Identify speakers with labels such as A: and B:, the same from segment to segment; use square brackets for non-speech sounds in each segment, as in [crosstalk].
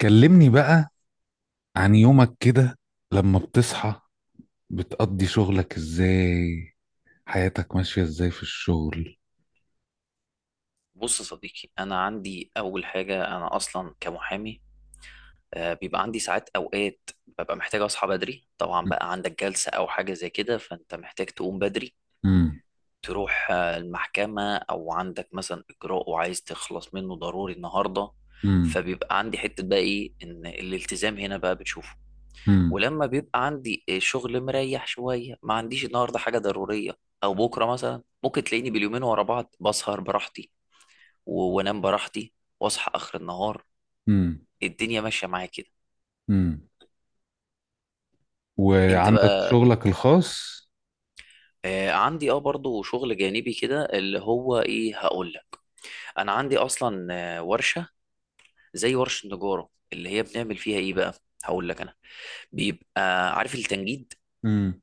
A: كلمني بقى عن يومك كده، لما بتصحى بتقضي شغلك ازاي؟ حياتك ماشية ازاي في الشغل؟
B: بص يا صديقي، انا عندي اول حاجه انا اصلا كمحامي. بيبقى عندي ساعات اوقات ببقى محتاج اصحى بدري. طبعا بقى عندك جلسه او حاجه زي كده، فانت محتاج تقوم بدري
A: امم.
B: تروح المحكمه، او عندك مثلا اجراء وعايز تخلص منه ضروري النهارده.
A: امم.
B: فبيبقى عندي حته بقى ايه، ان الالتزام هنا بقى بتشوفه.
A: امم.
B: ولما بيبقى عندي شغل مريح شويه، ما عنديش النهارده حاجه ضروريه، او بكره مثلا، ممكن تلاقيني باليومين ورا بعض بسهر براحتي وانام براحتي واصحى اخر النهار.
A: امم.
B: الدنيا ماشيه معايا كده.
A: امم.
B: انت
A: وعندك
B: بقى.
A: شغلك الخاص؟
B: آه، عندي برضو شغل جانبي كده اللي هو ايه، هقول لك. انا عندي اصلا آه ورشه، زي ورشه نجاره اللي هي بنعمل فيها ايه بقى، هقول لك انا. بيبقى عارف التنجيد
A: امم.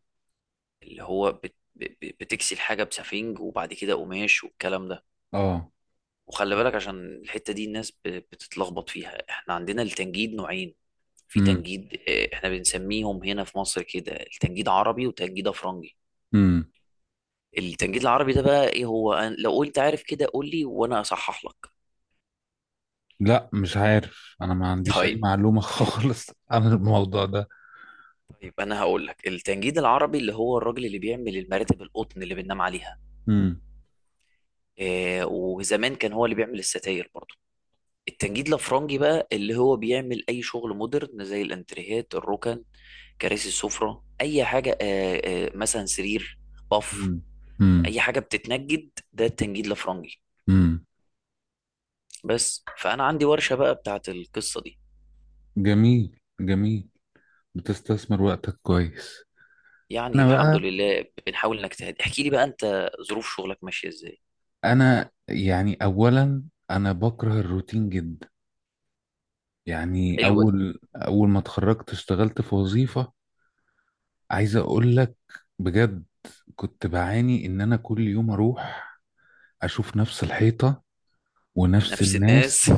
B: اللي هو بتكسي الحاجه بسفنج وبعد كده قماش والكلام ده.
A: اه.
B: وخلي بالك، عشان الحتة دي الناس بتتلخبط فيها. احنا عندنا التنجيد نوعين، في
A: امم.
B: تنجيد احنا بنسميهم هنا في مصر كده التنجيد عربي وتنجيد افرنجي.
A: امم.
B: التنجيد العربي ده بقى ايه هو؟ لو قلت عارف كده قول لي وانا اصحح لك.
A: لا، مش عارف، انا ما عنديش اي
B: طيب،
A: معلومة [laughs] خالص عن الموضوع ده.
B: طيب انا هقول لك. التنجيد العربي اللي هو الراجل اللي بيعمل المراتب القطن اللي بننام عليها.
A: امم.
B: آه، وزمان كان هو اللي بيعمل الستاير برضه. التنجيد الافرنجي بقى اللي هو بيعمل اي شغل مودرن، زي الانتريهات الركن، كراسي السفرة، أي حاجة، مثلا سرير، بف
A: امم. امم.
B: أي حاجة بتتنجد، ده التنجيد الأفرنجي.
A: امم.
B: بس، فأنا عندي ورشة بقى بتاعت القصة دي.
A: جميل، جميل. بتستثمر وقتك كويس.
B: يعني
A: انا
B: الحمد
A: بقى،
B: لله بنحاول نجتهد. احكي لي بقى أنت، ظروف شغلك ماشية إزاي؟
A: انا يعني اولا، انا بكره الروتين جدا. يعني
B: حلو ده.
A: اول ما اتخرجت اشتغلت في وظيفة. عايز اقول لك بجد، كنت بعاني ان انا كل يوم اروح اشوف نفس الحيطة ونفس
B: نفس
A: الناس.
B: الناس.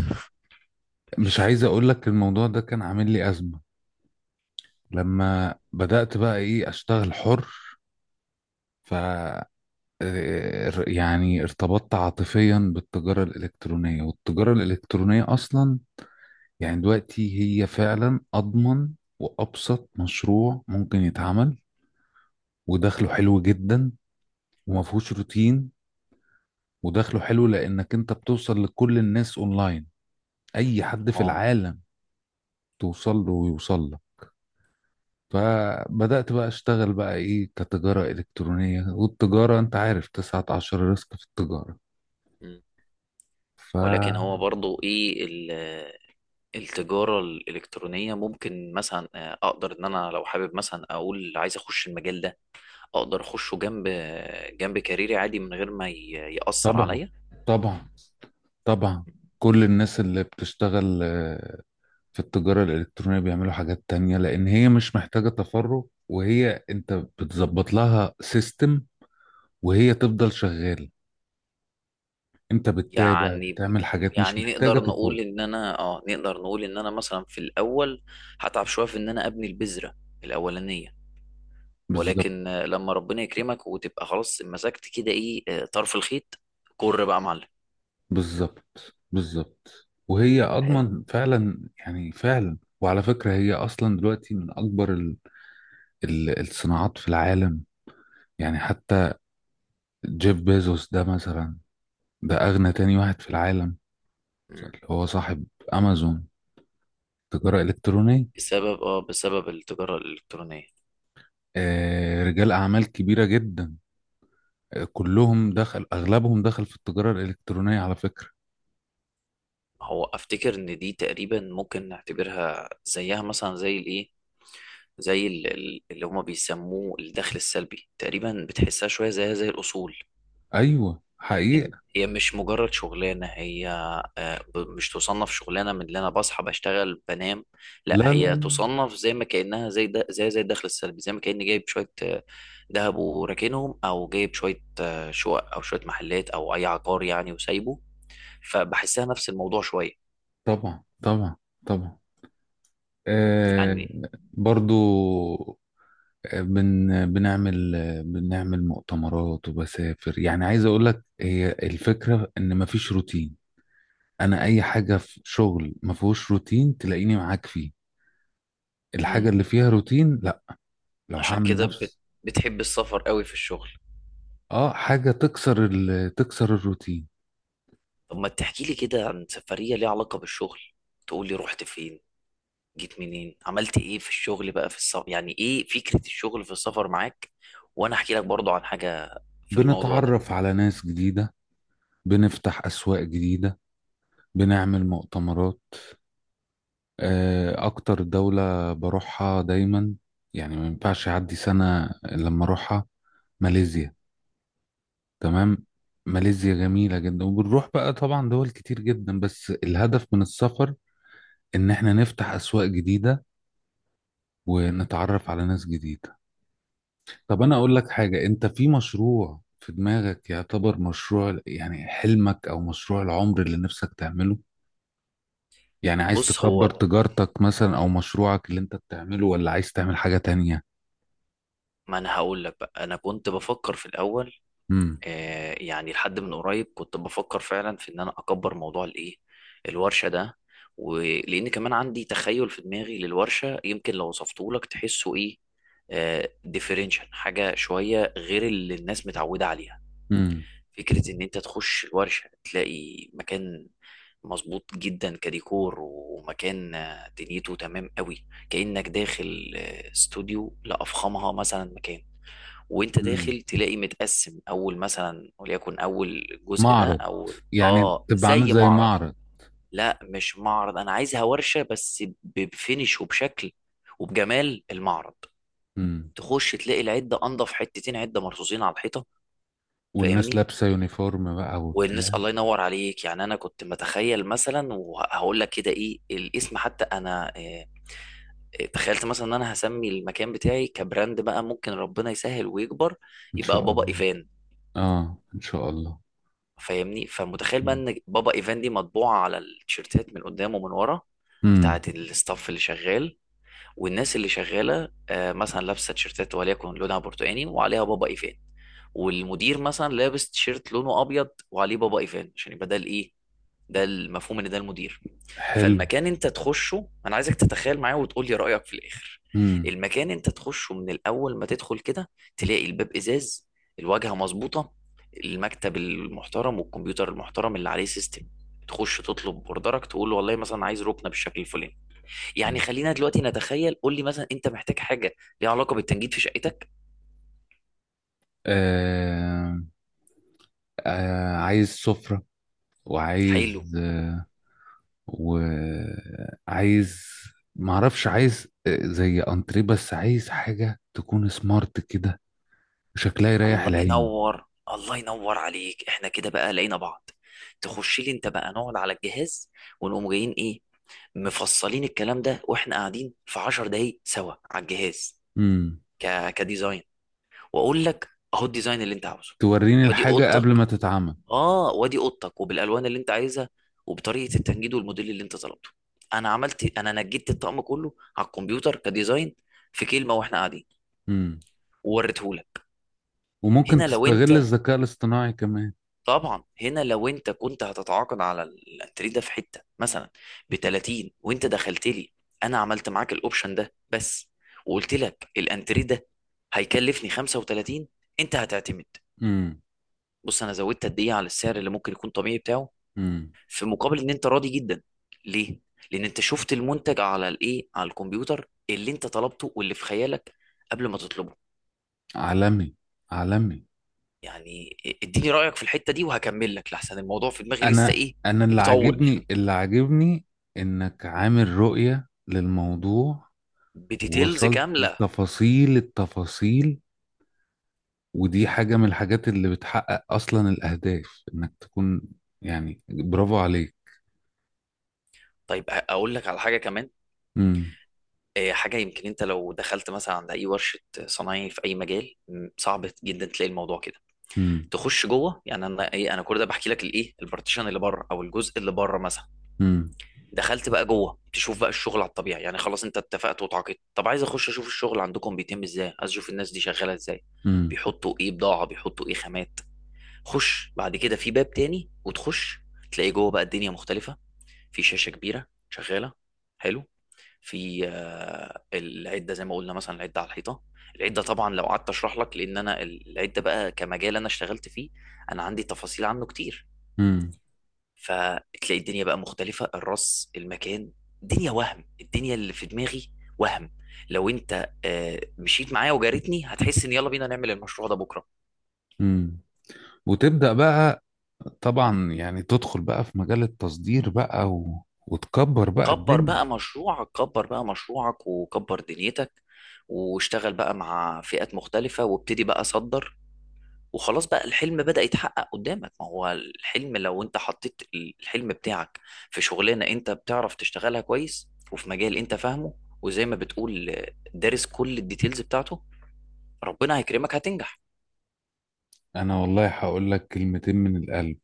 A: مش عايز اقول لك، الموضوع ده كان عامل لي ازمة. لما بدأت بقى ايه اشتغل حر. ف يعني ارتبطت عاطفيا بالتجارة الإلكترونية. والتجارة الإلكترونية أصلا يعني دلوقتي هي فعلا أضمن وأبسط مشروع ممكن يتعمل، ودخله حلو جدا وما فيهوش روتين. ودخله حلو لأنك أنت بتوصل لكل الناس أونلاين، أي حد في
B: اه.
A: العالم توصل له ويوصل له. فبدأت بقى أشتغل بقى إيه كتجارة إلكترونية. والتجارة أنت عارف 19 ريسك في التجارة.
B: مم. ولكن
A: فطبعا،
B: هو برضو إيه التجارة الإلكترونية، ممكن مثلا أقدر إن أنا لو حابب مثلا أقول عايز أخش المجال ده؟ أقدر أخشه جنب جنب كاريري عادي من غير ما يأثر عليا.
A: طبعا، طبعا، كل الناس اللي بتشتغل في التجارة الإلكترونية بيعملوا حاجات تانية لأن هي مش محتاجة تفرغ. وهي أنت بتظبط لها سيستم وهي تفضل شغالة. أنت بتتابع
B: يعني
A: بتعمل حاجات مش
B: يعني
A: محتاجة
B: نقدر
A: تفرغ.
B: نقول ان انا نقدر نقول ان انا مثلا في الاول هتعب شويه في ان انا ابني البذره الاولانيه،
A: بالظبط،
B: ولكن لما ربنا يكرمك وتبقى خلاص مسكت كده ايه، طرف الخيط، كر بقى يا معلم.
A: بالظبط، بالظبط. وهي
B: حلو.
A: أضمن فعلا، يعني فعلا. وعلى فكرة هي أصلا دلوقتي من أكبر ال ال الصناعات في العالم. يعني حتى جيف بيزوس ده مثلا، ده أغنى تاني واحد في العالم،
B: مم.
A: اللي هو صاحب أمازون، تجارة إلكترونية.
B: بسبب بسبب التجاره الالكترونيه.
A: رجال أعمال كبيرة جدا. كلهم دخل أغلبهم دخل في التجارة الإلكترونية على فكرة.
B: هو افتكر ان دي تقريبا ممكن نعتبرها زيها مثلا زي الايه، زي اللي هما بيسموه الدخل السلبي. تقريبا بتحسها شويه زيها زي الاصول.
A: أيوة، حقيقة.
B: هي مش مجرد شغلانة، هي مش تصنف شغلانة من اللي أنا بصحى بشتغل بنام.
A: لا،
B: لا،
A: لا،
B: هي
A: لا.
B: تصنف زي ما كأنها زي ده زي زي الدخل السلبي، زي ما كأني جايب شوية دهب وراكنهم، أو جايب شوية شقق أو شوية محلات أو أي عقار يعني وسايبه. فبحسها نفس الموضوع شوية.
A: طبعا، طبعا، طبعا. آه.
B: يعني.
A: برضو. بنعمل، بنعمل مؤتمرات وبسافر. يعني عايز أقول لك، هي الفكرة إن مفيش روتين. أنا أي حاجة في شغل مفهوش روتين تلاقيني معاك فيه،
B: مم.
A: الحاجة اللي فيها روتين لا. لو
B: عشان
A: هعمل
B: كده
A: نفس
B: بتحب السفر قوي في الشغل.
A: اه حاجة تكسر الروتين.
B: طب ما تحكي لي كده عن سفرية ليها علاقة بالشغل، تقول لي رحت فين، جيت منين، عملت ايه في الشغل بقى في السفر، يعني ايه فكرة الشغل في السفر معاك، وانا احكي لك برضو عن حاجة في الموضوع ده.
A: بنتعرف على ناس جديدة، بنفتح أسواق جديدة، بنعمل مؤتمرات. أكتر دولة بروحها دايما، يعني ما ينفعش يعدي سنة إلا لما أروحها، ماليزيا. تمام. ماليزيا جميلة جدا، وبنروح بقى طبعا دول كتير جدا، بس الهدف من السفر إن إحنا نفتح أسواق جديدة ونتعرف على ناس جديدة. طب أنا أقول لك حاجة، أنت في مشروع في دماغك يعتبر مشروع، يعني حلمك أو مشروع العمر اللي نفسك تعمله؟ يعني عايز
B: بص
A: تكبر
B: هو،
A: تجارتك مثلا او مشروعك اللي انت بتعمله، ولا عايز تعمل حاجة تانية؟
B: ما انا هقول لك بقى، انا كنت بفكر في الاول
A: امم.
B: آه، يعني لحد من قريب كنت بفكر فعلا في ان انا اكبر موضوع الايه، الورشة ده. ولان كمان عندي تخيل في دماغي للورشة، يمكن لو وصفته لك تحسه ايه، آه، ديفرنشال، حاجة شوية غير اللي الناس متعودة عليها.
A: امم.
B: فكرة إن أنت تخش الورشة تلاقي مكان مظبوط جدا كديكور، ومكان دنيته تمام قوي، كأنك داخل استوديو لأفخمها مثلا مكان. وأنت
A: امم.
B: داخل تلاقي متقسم، أول مثلا وليكن، أول جزء ده
A: معرض.
B: أول
A: يعني تبقى عامل
B: زي
A: زي
B: معرض.
A: معرض؟
B: لا مش معرض، أنا عايزها ورشة بس بفينش وبشكل وبجمال المعرض.
A: امم.
B: تخش تلاقي العدة أنضف حتتين، عدة مرصوصين على الحيطة.
A: والناس
B: فاهمني؟
A: لابسة يونيفورم بقى
B: والناس
A: وبتاع؟
B: الله ينور عليك، يعني انا كنت متخيل مثلا، وهقول لك كده ايه الاسم حتى انا تخيلت مثلا ان انا هسمي المكان بتاعي كبراند بقى، ممكن ربنا يسهل ويكبر،
A: ان
B: يبقى
A: شاء
B: بابا
A: الله.
B: ايفان.
A: اه، ان شاء الله.
B: فاهمني؟ فمتخيل بقى
A: امم.
B: ان بابا ايفان دي مطبوعة على التيشيرتات من قدام ومن ورا،
A: امم.
B: بتاعة الستاف اللي شغال. والناس اللي شغالة مثلا لابسة تيشيرتات وليكن لونها برتقاني وعليها بابا ايفان، والمدير مثلا لابس تيشيرت لونه ابيض وعليه بابا ايفان، عشان يبقى ده الايه، ده المفهوم ان ده المدير.
A: حلو.
B: فالمكان انت تخشه، انا عايزك تتخيل معايا وتقول لي رأيك في الاخر.
A: امم.
B: المكان انت تخشه من الاول، ما تدخل كده تلاقي الباب ازاز، الواجهة مظبوطة، المكتب المحترم والكمبيوتر المحترم اللي عليه سيستم. تخش تطلب اوردرك، تقول له والله مثلا عايز ركنه بالشكل الفلاني. يعني خلينا دلوقتي نتخيل، قول لي مثلا انت محتاج حاجه ليها علاقه بالتنجيد في شقتك.
A: آه. عايز سفرة،
B: حلو.
A: وعايز، وعايز، معرفش، عايز زي انتريه، بس عايز حاجة تكون سمارت كده، شكلها يريح
B: الله
A: العين.
B: ينور، الله ينور عليك. احنا كده بقى لقينا بعض. تخش لي انت بقى، نقعد على الجهاز ونقوم جايين ايه، مفصلين الكلام ده واحنا قاعدين في 10 دقايق سوا على الجهاز
A: امم.
B: كديزاين، واقول لك اهو الديزاين اللي انت عاوزه.
A: توريني
B: وادي
A: الحاجة قبل
B: اوضتك.
A: ما تتعمل.
B: اه وادي اوضتك، وبالالوان اللي انت عايزها، وبطريقه التنجيد والموديل اللي انت طلبته. انا عملت، انا نجدت الطقم كله على الكمبيوتر كديزاين في كلمه واحنا قاعدين،
A: امم.
B: ووريته لك.
A: وممكن
B: هنا لو
A: تستغل
B: انت،
A: الذكاء الاصطناعي كمان.
B: طبعا هنا لو انت كنت هتتعاقد على التري ده في حته مثلا ب 30، وانت دخلت لي انا عملت معاك الاوبشن ده بس، وقلت لك الانتري ده هيكلفني 35، انت هتعتمد.
A: امم.
B: بص، انا زودت قد ايه على السعر اللي ممكن يكون طبيعي بتاعه،
A: امم.
B: في مقابل ان انت راضي جدا. ليه؟ لان انت شفت المنتج على الايه، على الكمبيوتر، اللي انت طلبته واللي في خيالك قبل ما تطلبه.
A: عالمي، عالمي.
B: يعني اديني رايك في الحته دي وهكمل لك، لحسن الموضوع في دماغي لسه
A: انا
B: ايه،
A: انا اللي
B: بطول،
A: عاجبني، اللي عاجبني انك عامل رؤية للموضوع،
B: بديتيلز
A: ووصلت
B: كامله.
A: لتفاصيل التفاصيل. ودي حاجة من الحاجات اللي بتحقق اصلا الاهداف انك تكون، يعني برافو عليك.
B: طيب، اقول لك على حاجه كمان.
A: امم.
B: حاجه يمكن انت لو دخلت مثلا عند اي ورشه صنايعي في اي مجال صعب جدا تلاقي الموضوع كده.
A: امم.
B: تخش جوه، يعني انا ايه، انا كل ده بحكي لك الايه، البارتيشن اللي بره او الجزء اللي بره مثلا.
A: امم.
B: دخلت بقى جوه تشوف بقى الشغل على الطبيعي، يعني خلاص انت اتفقت وتعاقدت، طب عايز اخش اشوف الشغل عندكم بيتم ازاي، عايز اشوف الناس دي شغاله ازاي، بيحطوا ايه بضاعه، بيحطوا ايه خامات. خش بعد كده في باب تاني وتخش، تلاقي جوه بقى الدنيا مختلفه. في شاشه كبيره شغاله. حلو. في العده زي ما قلنا، مثلا العده على الحيطه. العده طبعا لو قعدت اشرح لك، لان انا العده بقى كمجال انا اشتغلت فيه، انا عندي تفاصيل عنه كتير.
A: امم.
B: فتلاقي الدنيا بقى مختلفه، الرص، المكان، الدنيا. وهم الدنيا اللي في دماغي، وهم. لو انت مشيت معايا وجارتني، هتحس ان يلا بينا نعمل المشروع ده بكره.
A: امم. وتبدأ بقى، طبعا يعني تدخل بقى في مجال التصدير بقى، وتكبر بقى
B: كبر
A: الدنيا.
B: بقى مشروعك، كبر بقى مشروعك وكبر دنيتك، واشتغل بقى مع فئات مختلفة، وابتدي بقى صدر، وخلاص بقى الحلم بدأ يتحقق قدامك. ما هو الحلم لو انت حطيت الحلم بتاعك في شغلانة انت بتعرف تشتغلها كويس، وفي مجال انت فاهمه، وزي ما بتقول دارس كل الديتيلز بتاعته، ربنا هيكرمك هتنجح.
A: انا والله هقول لك كلمتين من القلب،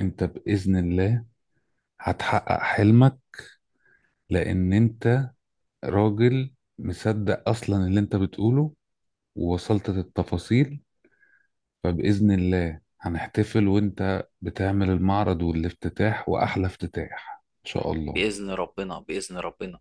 A: انت بإذن الله هتحقق حلمك، لان انت راجل مصدق اصلا اللي انت بتقوله، ووصلت للتفاصيل. فبإذن الله هنحتفل وانت بتعمل المعرض والافتتاح، واحلى افتتاح ان شاء الله.
B: بإذن ربنا، بإذن ربنا.